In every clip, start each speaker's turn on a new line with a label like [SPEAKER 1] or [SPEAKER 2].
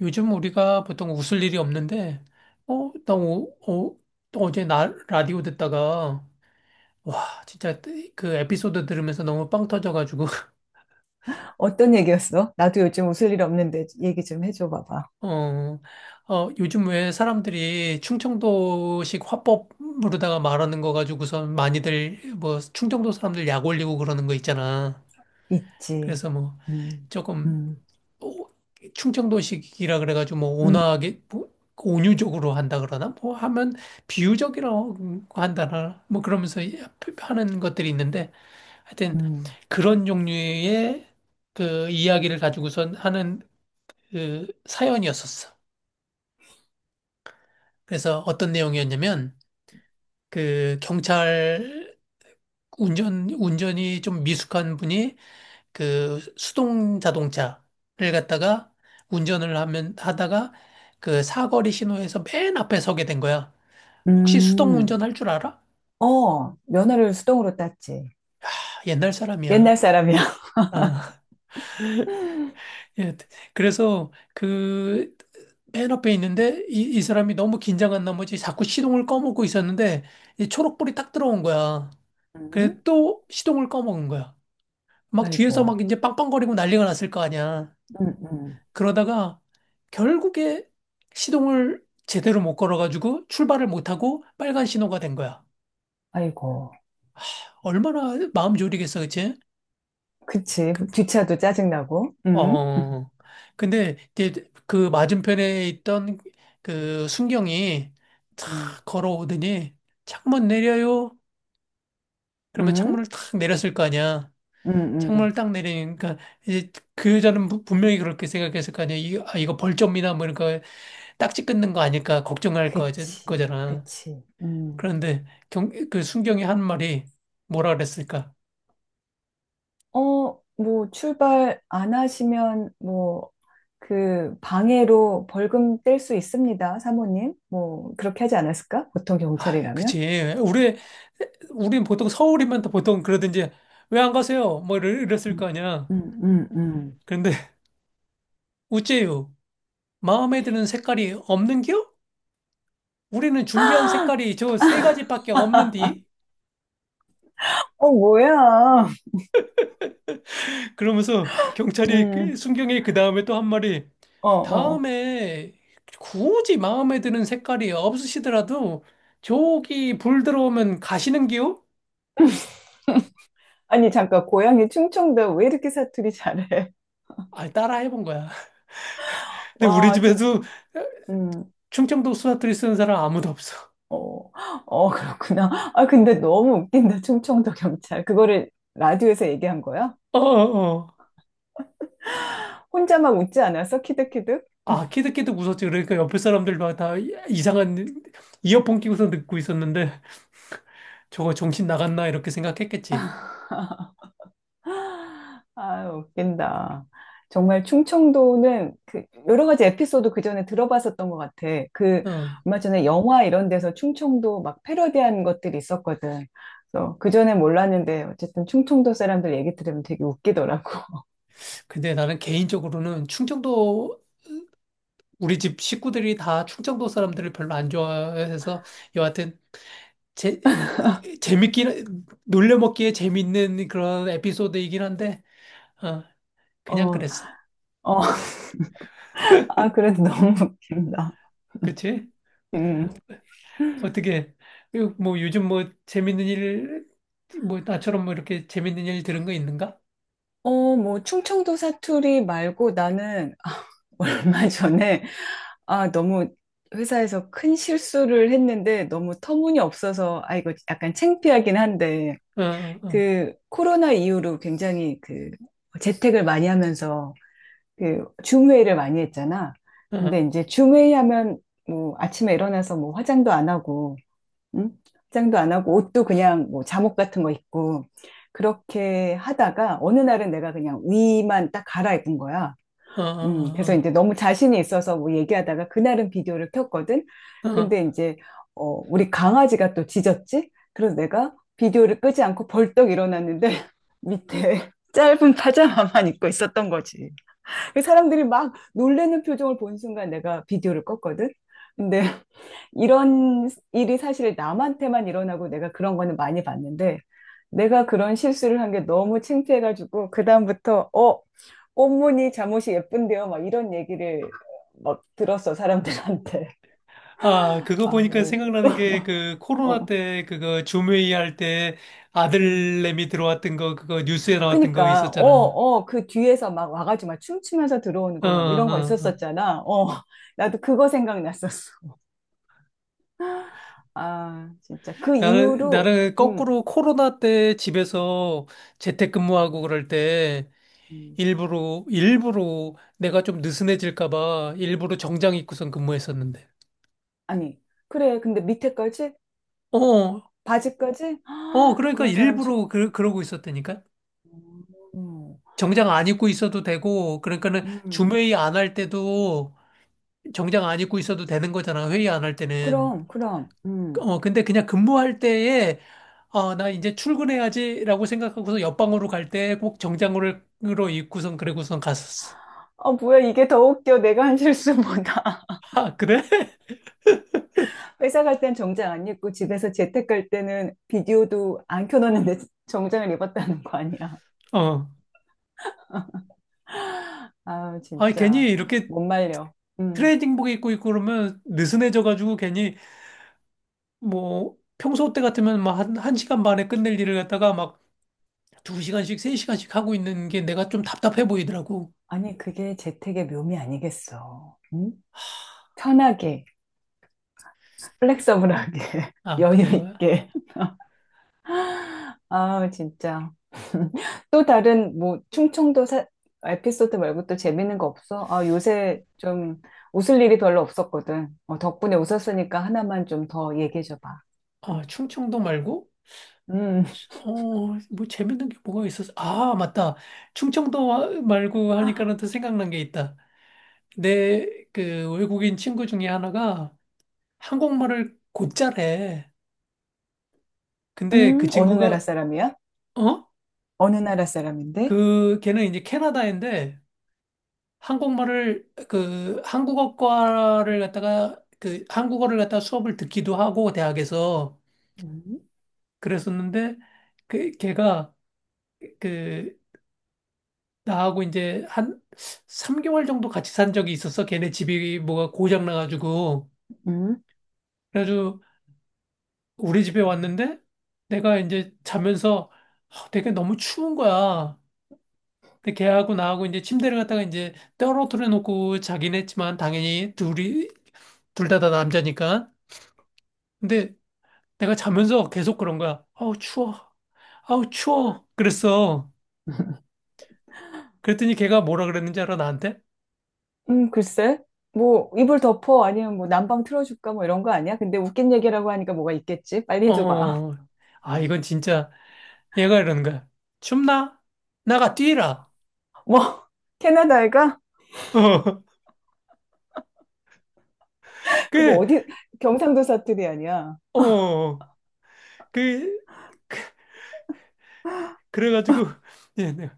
[SPEAKER 1] 요즘 우리가 보통 웃을 일이 없는데, 어, 나 오, 어, 어제 나 라디오 듣다가, 와, 진짜 그 에피소드 들으면서 너무 빵 터져가지고,
[SPEAKER 2] 어떤 얘기였어? 나도 요즘 웃을 일 없는데 얘기 좀 해줘 봐봐.
[SPEAKER 1] 어, 요즘 왜 사람들이 충청도식 화법 으로다가 말하는 거 가지고선 많이들, 뭐, 충청도 사람들 약 올리고 그러는 거 있잖아.
[SPEAKER 2] 있지.
[SPEAKER 1] 그래서 뭐,
[SPEAKER 2] 음,
[SPEAKER 1] 조금
[SPEAKER 2] 음,
[SPEAKER 1] 오- 충청도식이라 그래가지고 뭐
[SPEAKER 2] 음,
[SPEAKER 1] 온화하게 뭐 온유적으로 한다 그러나 뭐 하면 비유적이라고 한다나 뭐 그러면서 하는 것들이 있는데 하여튼
[SPEAKER 2] 음.
[SPEAKER 1] 그런 종류의 그 이야기를 가지고선 하는 그 사연이었었어. 그래서 어떤 내용이었냐면 그 경찰 운전이 좀 미숙한 분이 그 수동 자동차를 갖다가 운전을 하면 하다가 그 사거리 신호에서 맨 앞에 서게 된 거야. 혹시 수동
[SPEAKER 2] 음.
[SPEAKER 1] 운전할 줄 알아?
[SPEAKER 2] 어, 면허를 수동으로 땄지.
[SPEAKER 1] 아, 옛날
[SPEAKER 2] 옛날
[SPEAKER 1] 사람이야.
[SPEAKER 2] 사람이야.
[SPEAKER 1] 아, 예. 그래서 그 맨 앞에 있는데 이 사람이 너무 긴장한 나머지 자꾸 시동을 꺼먹고 있었는데 이 초록불이 딱 들어온 거야. 그래서
[SPEAKER 2] 음,
[SPEAKER 1] 또 시동을 꺼먹은 거야. 막 뒤에서
[SPEAKER 2] 아이고.
[SPEAKER 1] 막 이제 빵빵거리고 난리가 났을 거 아니야.
[SPEAKER 2] 음, 음.
[SPEAKER 1] 그러다가 결국에 시동을 제대로 못 걸어가지고 출발을 못하고 빨간 신호가 된 거야.
[SPEAKER 2] 아이고.
[SPEAKER 1] 얼마나 마음 졸이겠어, 그치?
[SPEAKER 2] 그치.
[SPEAKER 1] 근데,
[SPEAKER 2] 뒷차도 짜증나고.
[SPEAKER 1] 어, 어, 어. 근데 이제 그 맞은편에 있던 그 순경이 탁
[SPEAKER 2] 음,
[SPEAKER 1] 걸어오더니 창문 내려요. 그러면
[SPEAKER 2] 음,
[SPEAKER 1] 창문을 탁 내렸을 거 아니야.
[SPEAKER 2] 음,
[SPEAKER 1] 창문을
[SPEAKER 2] 음.
[SPEAKER 1] 딱 내리니까 이제 그 여자는 분명히 그렇게 생각했을 거 아니야. 이거 벌점이나 뭐 이런 거 딱지 끊는 거 아닐까 걱정할 거,
[SPEAKER 2] 그치,
[SPEAKER 1] 거잖아.
[SPEAKER 2] 그치. 음.
[SPEAKER 1] 그런데 그 순경이 한 말이 뭐라 그랬을까?
[SPEAKER 2] 어, 뭐, 출발 안 하시면, 뭐, 그, 방해로 벌금 뗄 수 있습니다, 사모님. 뭐, 그렇게 하지 않았을까? 보통
[SPEAKER 1] 아,
[SPEAKER 2] 경찰이라면?
[SPEAKER 1] 그치. 우린 보통 서울이면 또 보통 그러든지 왜 안 가세요? 뭐 이랬을 거
[SPEAKER 2] 음,
[SPEAKER 1] 아니야.
[SPEAKER 2] 음, 음, 음.
[SPEAKER 1] 그런데 우째요. 마음에 드는 색깔이 없는겨? 우리는 준비한 색깔이 저 세 가지밖에 없는디?
[SPEAKER 2] 어, 뭐야.
[SPEAKER 1] 그러면서 경찰이 그
[SPEAKER 2] 음,
[SPEAKER 1] 순경이 그 다음에 또 한 말이
[SPEAKER 2] 어, 어.
[SPEAKER 1] 다음에 굳이 마음에 드는 색깔이 없으시더라도 저기 불 들어오면 가시는겨?
[SPEAKER 2] 아니, 잠깐, 고향이 충청도 왜 이렇게 사투리 잘해?
[SPEAKER 1] 아, 따라 해본 거야. 근데 우리
[SPEAKER 2] 와, 진짜,
[SPEAKER 1] 집에도
[SPEAKER 2] 음,
[SPEAKER 1] 충청도 수사투리 쓰는 사람 아무도 없어.
[SPEAKER 2] 어, 어, 그렇구나. 아, 근데 너무 웃긴다, 충청도 경찰. 그거를 라디오에서 얘기한 거야?
[SPEAKER 1] 어, 어, 어.
[SPEAKER 2] 혼자 막 웃지 않았어? 키득키득?
[SPEAKER 1] 아, 키득키득 웃었지. 그러니까 옆에 사람들도 다 이상한 이어폰 끼고서 듣고 있었는데 저거 정신 나갔나 이렇게 생각했겠지.
[SPEAKER 2] 아, 웃긴다. 정말 충청도는 그 여러 가지 에피소드 그 전에 들어봤었던 것 같아. 그
[SPEAKER 1] 응.
[SPEAKER 2] 얼마 전에 영화 이런 데서 충청도 막 패러디한 것들이 있었거든. 그래서 그 전에 몰랐는데 어쨌든 충청도 사람들 얘기 들으면 되게 웃기더라고.
[SPEAKER 1] 근데 나는 개인적으로는 충청도 우리 집 식구들이 다 충청도 사람들을 별로 안 좋아해서 여하튼 재 재밌긴 놀려먹기에 재밌는 그런 에피소드이긴 한데 어, 그냥
[SPEAKER 2] 어,
[SPEAKER 1] 그랬어.
[SPEAKER 2] 어, 아, 그래도 너무 웃긴다.
[SPEAKER 1] 그치?
[SPEAKER 2] 음.
[SPEAKER 1] 어떻게 그 뭐 요즘 뭐 재밌는 일 뭐 나처럼 뭐 이렇게 재밌는 일 들은 거 있는가?
[SPEAKER 2] 어, 뭐 충청도 사투리 말고 나는 얼마 전에 아, 너무 회사에서 큰 실수를 했는데 너무 터무니없어서, 아, 이거 약간 창피하긴 한데,
[SPEAKER 1] 어, 어, 어,
[SPEAKER 2] 그 코로나 이후로 굉장히 그 재택을 많이 하면서 그줌 회의를 많이 했잖아.
[SPEAKER 1] 어,
[SPEAKER 2] 근데 이제 줌 회의하면 뭐 아침에 일어나서 뭐 화장도 안 하고, 응? 화장도 안 하고 옷도 그냥 뭐 잠옷 같은 거 입고 그렇게 하다가 어느 날은 내가 그냥 위만 딱 갈아입은 거야.
[SPEAKER 1] 어,
[SPEAKER 2] 그래서
[SPEAKER 1] 어,
[SPEAKER 2] 이제 너무 자신이 있어서 뭐 얘기하다가 그날은 비디오를 켰거든.
[SPEAKER 1] 어. 어.
[SPEAKER 2] 근데 이제, 어, 우리 강아지가 또 짖었지? 그래서 내가 비디오를 끄지 않고 벌떡 일어났는데 밑에 짧은 파자마만 입고 있었던 거지. 그 사람들이 막 놀라는 표정을 본 순간 내가 비디오를 껐거든. 근데 이런 일이 사실 남한테만 일어나고 내가 그런 거는 많이 봤는데 내가 그런 실수를 한 게 너무 창피해가지고 그다음부터 어 꽃무늬 잠옷이 예쁜데요 막 이런 얘기를 막 들었어 사람들한테
[SPEAKER 1] 아, 그거
[SPEAKER 2] 아
[SPEAKER 1] 보니까
[SPEAKER 2] 예.
[SPEAKER 1] 생각나는 게 그 코로나
[SPEAKER 2] 어.
[SPEAKER 1] 때 그거 줌회의 할 때
[SPEAKER 2] 음.
[SPEAKER 1] 아들내미 들어왔던 거 그거 뉴스에 나왔던 거
[SPEAKER 2] 그니까 어
[SPEAKER 1] 있었잖아.
[SPEAKER 2] 어 그 뒤에서 막 와가지고 막 춤추면서 들어오는
[SPEAKER 1] 어,
[SPEAKER 2] 거 막 이런 거
[SPEAKER 1] 어, 어.
[SPEAKER 2] 있었었잖아 어 나도 그거 생각났었어 아, 진짜. 그
[SPEAKER 1] 나는
[SPEAKER 2] 이후로,
[SPEAKER 1] 나는
[SPEAKER 2] 음,
[SPEAKER 1] 거꾸로 코로나 때 집에서 재택근무하고 그럴 때
[SPEAKER 2] 음.
[SPEAKER 1] 일부러, 일부러 내가 좀 느슨해질까봐 일부러 정장 입고선 근무했었는데.
[SPEAKER 2] 아니. 그래, 근데 밑에까지?
[SPEAKER 1] 어,
[SPEAKER 2] 바지까지? 아,
[SPEAKER 1] 그러니까
[SPEAKER 2] 그런 사람 처음.
[SPEAKER 1] 일부러 그러고 있었다니까?
[SPEAKER 2] 어, 음,
[SPEAKER 1] 정장 안 입고 있어도 되고, 그러니까는
[SPEAKER 2] 음.
[SPEAKER 1] 줌회의 안 할 때도 정장 안 입고 있어도 되는 거잖아, 회의 안 할 때는.
[SPEAKER 2] 그럼, 그럼,
[SPEAKER 1] 근데 그냥 근무할 때에, 아, 나 이제 출근해야지라고 생각하고서 옆방으로 갈 때 꼭 정장으로 입고선 그러고선 갔었어.
[SPEAKER 2] 어, 뭐야, 이게 더 웃겨. 내가 한 실수보다.
[SPEAKER 1] 아, 그래?
[SPEAKER 2] 회사 갈 땐 정장 안 입고 집에서 재택 갈 때는 비디오도 안 켜놓는데 정장을 입었다는 거 아니야.
[SPEAKER 1] 어.
[SPEAKER 2] 아,
[SPEAKER 1] 아,
[SPEAKER 2] 진짜.
[SPEAKER 1] 괜히 이렇게
[SPEAKER 2] 못 말려. 음.
[SPEAKER 1] 트레이딩복 입고 있고 그러면 느슨해져가지고 괜히 뭐 평소 때 같으면 막 한 시간 반에 끝낼 일을 갖다가 막 두 시간씩, 세 시간씩 하고 있는 게 내가 좀 답답해 보이더라고.
[SPEAKER 2] 아니, 그게 재택의 묘미 아니겠어. 응? 편하게. 플렉서블하게,
[SPEAKER 1] 아,
[SPEAKER 2] 여유
[SPEAKER 1] 그런가?
[SPEAKER 2] 있게. 아, 진짜. 또 다른, 뭐, 충청도 사- 에피소드 말고 또 재밌는 거 없어? 아, 요새 좀 웃을 일이 별로 없었거든. 어, 덕분에 웃었으니까 하나만 좀 더 얘기해줘 봐.
[SPEAKER 1] 아,
[SPEAKER 2] 음.
[SPEAKER 1] 충청도 말고?
[SPEAKER 2] 음,
[SPEAKER 1] 어, 뭐 재밌는 게 뭐가 있었어? 아, 맞다. 충청도 말고 하니까는 또 생각난 게 있다. 내 그 외국인 친구 중에 하나가 한국말을 곧잘해. 근데 그
[SPEAKER 2] 어느 나라
[SPEAKER 1] 친구가,
[SPEAKER 2] 사람이야?
[SPEAKER 1] 어?
[SPEAKER 2] 어느 나라 사람인데?
[SPEAKER 1] 그, 걔는 이제 캐나다인데, 한국말을 그 한국어과를 갖다가 그 한국어를 갖다가 수업을 듣기도 하고 대학에서
[SPEAKER 2] 음,
[SPEAKER 1] 그랬었는데 그 걔가 그 나하고 이제 한 3개월 정도 같이 산 적이 있었어. 걔네 집이 뭐가 고장 나가지고
[SPEAKER 2] 음,
[SPEAKER 1] 그래가지고 우리 집에 왔는데 내가 이제 자면서 되게 너무 추운 거야. 근데 걔하고 나하고 이제 침대를 갖다가 이제 떨어뜨려 놓고 자긴 했지만 당연히 둘이 둘 다 남자니까. 근데 내가 자면서 계속 그런 거야. 아우, 추워. 아우, 추워. 그랬어. 그랬더니 걔가 뭐라 그랬는지 알아, 나한테?
[SPEAKER 2] 글쎄. 뭐, 이불 덮어? 아니면 뭐, 난방 틀어줄까? 뭐, 이런 거 아니야? 근데 웃긴 얘기라고 하니까 뭐가 있겠지? 빨리
[SPEAKER 1] 어,
[SPEAKER 2] 해줘봐.
[SPEAKER 1] 어, 어." 아, 이건 진짜, 얘가 이러는 거야. 춥나? 나가 뛰라.
[SPEAKER 2] 뭐, 캐나다 애가?
[SPEAKER 1] 어,
[SPEAKER 2] 그거
[SPEAKER 1] 그,
[SPEAKER 2] 어디 경상도 사투리 아니야?
[SPEAKER 1] 어, 어, 어. 그, 그래가지고, 예, 내가,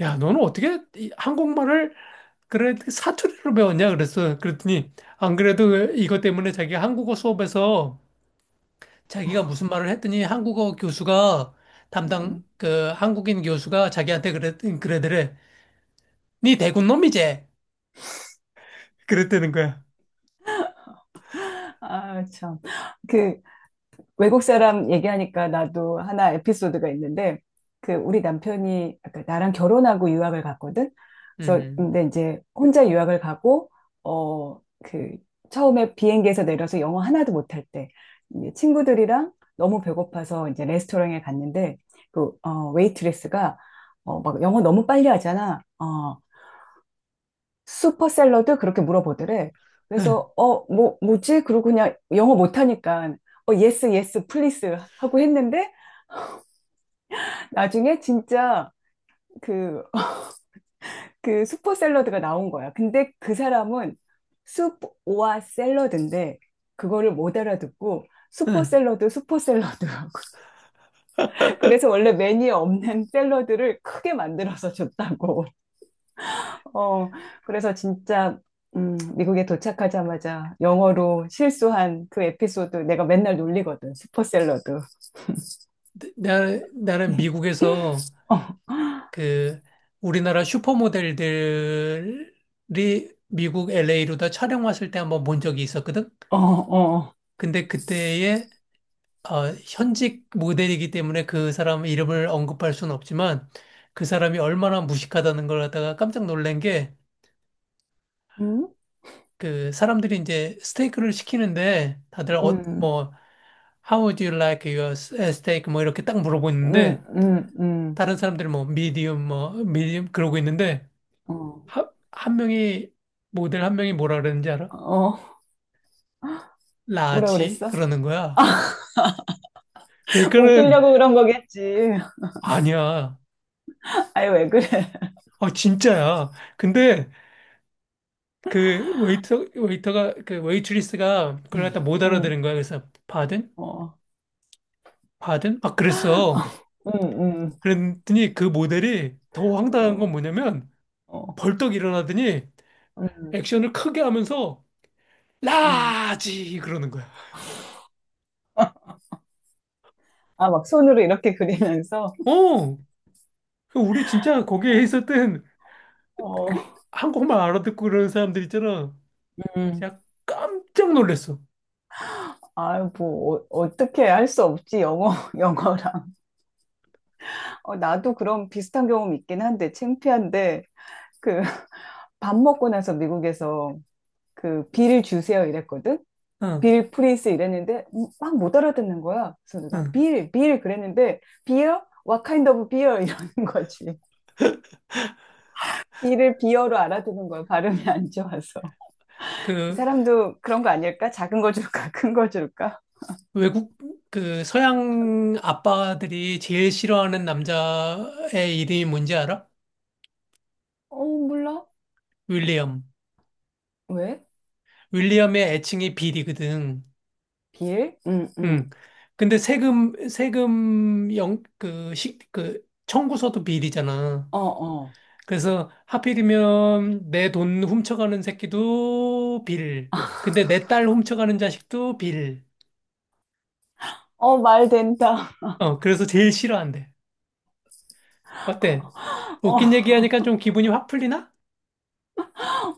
[SPEAKER 1] 야, 너는 어떻게 이 한국말을, 그래, 그 사투리로 배웠냐? 그랬어. 그랬더니, 안 그래도 이것 때문에 자기 한국어 수업에서 자기가 무슨 말을 했더니 한국어 교수가 담당
[SPEAKER 2] 음,
[SPEAKER 1] 그 한국인 교수가 자기한테 그랬 그래더래. 네 대군 놈이제. 그랬다는 거야.
[SPEAKER 2] 아, 참. 그 외국 사람 얘기하니까 나도 하나 에피소드가 있는데 그 우리 남편이 아까 나랑 결혼하고 유학을 갔거든. 그래서
[SPEAKER 1] 음,
[SPEAKER 2] 근데 이제 혼자 유학을 가고 어 그 처음에 비행기에서 내려서 영어 하나도 못할 때 이제 친구들이랑 너무 배고파서 이제 레스토랑에 갔는데 그 어, 웨이트레스가 어, 막 영어 너무 빨리 하잖아. 어, 슈퍼셀러드 그렇게 물어보더래.
[SPEAKER 1] 응,
[SPEAKER 2] 그래서 어, 뭐 뭐지? 그러고 그냥 영어 못하니까 어, 예스 예스 플리스 하고 했는데 나중에 진짜 그 그 슈퍼셀러드가 나온 거야. 근데 그 사람은 숲오와 샐러드인데 그거를 못 알아듣고
[SPEAKER 1] 응.
[SPEAKER 2] 슈퍼샐러드 슈퍼샐러드 그래서 원래 메뉴에 없는 샐러드를 크게 만들어서 줬다고. 어, 그래서 진짜, 미국에 도착하자마자 영어로 실수한 그 에피소드 내가 맨날 놀리거든. 슈퍼셀러드.
[SPEAKER 1] 나, 나는 미국에서 그 우리나라 슈퍼모델들이 미국 LA로 다 촬영 왔을 때 한번 본 적이 있었거든.
[SPEAKER 2] 어, 어, 어.
[SPEAKER 1] 근데 그때의 현직 모델이기 때문에 그 사람 이름을 언급할 수는 없지만 그 사람이 얼마나 무식하다는 걸 갖다가 깜짝 놀란 게
[SPEAKER 2] 음?
[SPEAKER 1] 그 사람들이 이제 스테이크를 시키는데 다들 어,
[SPEAKER 2] 음,
[SPEAKER 1] 뭐 How would you like your steak? 뭐 이렇게 딱
[SPEAKER 2] 음,
[SPEAKER 1] 물어보는데
[SPEAKER 2] 음, 음.
[SPEAKER 1] 다른 사람들이 뭐 medium 뭐 medium 그러고 있는데
[SPEAKER 2] 어,
[SPEAKER 1] 한 명이 모델 한 명이 뭐라 그러는지 알아?
[SPEAKER 2] 어. 뭐라
[SPEAKER 1] 라지
[SPEAKER 2] 그랬어?
[SPEAKER 1] 그러는 거야. 그러니까는
[SPEAKER 2] 웃기려고 그런 거겠지.
[SPEAKER 1] 아니야.
[SPEAKER 2] 아이, 왜 그래?
[SPEAKER 1] 아 진짜야. 근데 그 웨이터 웨이터가 그 웨이트리스가 그걸
[SPEAKER 2] 음,
[SPEAKER 1] 갖다 못
[SPEAKER 2] 음,
[SPEAKER 1] 알아들은 거야. 그래서 pardon?
[SPEAKER 2] 어,
[SPEAKER 1] pardon? 막 그랬어.
[SPEAKER 2] 음, 음,
[SPEAKER 1] 그랬더니 그 모델이 더 황당한
[SPEAKER 2] 어,
[SPEAKER 1] 건 뭐냐면
[SPEAKER 2] 어,
[SPEAKER 1] 벌떡 일어나더니
[SPEAKER 2] 음,
[SPEAKER 1] 액션을 크게 하면서
[SPEAKER 2] 어.
[SPEAKER 1] 라지 그러는 거야.
[SPEAKER 2] 아, 막 손으로 이렇게 그리면서,
[SPEAKER 1] 어, 그 우리 진짜 거기에 있었던 그
[SPEAKER 2] 어,
[SPEAKER 1] 한국말 알아듣고 그러는 사람들 있잖아.
[SPEAKER 2] 음.
[SPEAKER 1] 진짜 깜짝 놀랐어.
[SPEAKER 2] 아유, 뭐, 어, 어떻게 할 수 없지, 영어, 영어랑. 어, 나도 그런 비슷한 경험 있긴 한데, 창피한데, 그, 밥 먹고 나서 미국에서 그, 빌 주세요 이랬거든?
[SPEAKER 1] 응,
[SPEAKER 2] 빌 프리스 이랬는데, 막못 알아듣는 거야. 그래서 내가
[SPEAKER 1] 응.
[SPEAKER 2] 빌, 빌 그랬는데, 비어? What kind of beer? 이러는 거지. 이를 비어로 알아듣는 거야. 발음이 안 좋아서. 그
[SPEAKER 1] 그
[SPEAKER 2] 사람도 그런 거 아닐까? 작은 거 줄까? 큰 거 줄까?
[SPEAKER 1] 외국 그 서양 아빠들이 제일 싫어하는 남자의 이름이 뭔지 알아?
[SPEAKER 2] 어, 몰라.
[SPEAKER 1] 윌리엄.
[SPEAKER 2] 왜?
[SPEAKER 1] 윌리엄의 애칭이 빌이거든.
[SPEAKER 2] 빌? 응,
[SPEAKER 1] 음.
[SPEAKER 2] 응.
[SPEAKER 1] 근데 세금 영, 그, 시, 그, 청구서도 빌이잖아.
[SPEAKER 2] 어, 어.
[SPEAKER 1] 그래서 하필이면 내 돈 훔쳐가는 새끼도 빌. 근데 내 딸 훔쳐가는 자식도 빌.
[SPEAKER 2] 어, 말 된다.
[SPEAKER 1] 어, 그래서 제일 싫어한대. 어때? 웃긴
[SPEAKER 2] 어,
[SPEAKER 1] 얘기하니까 좀 기분이 확 풀리나?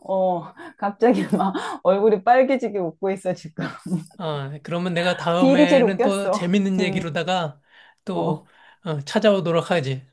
[SPEAKER 2] 어, 갑자기 막 얼굴이 빨개지게 웃고 있어, 지금.
[SPEAKER 1] 어, 그러면 내가
[SPEAKER 2] 비일이 제일
[SPEAKER 1] 다음에는 또
[SPEAKER 2] 웃겼어.
[SPEAKER 1] 재밌는
[SPEAKER 2] 음,
[SPEAKER 1] 얘기로다가 또
[SPEAKER 2] 어.
[SPEAKER 1] 찾아오도록 하지.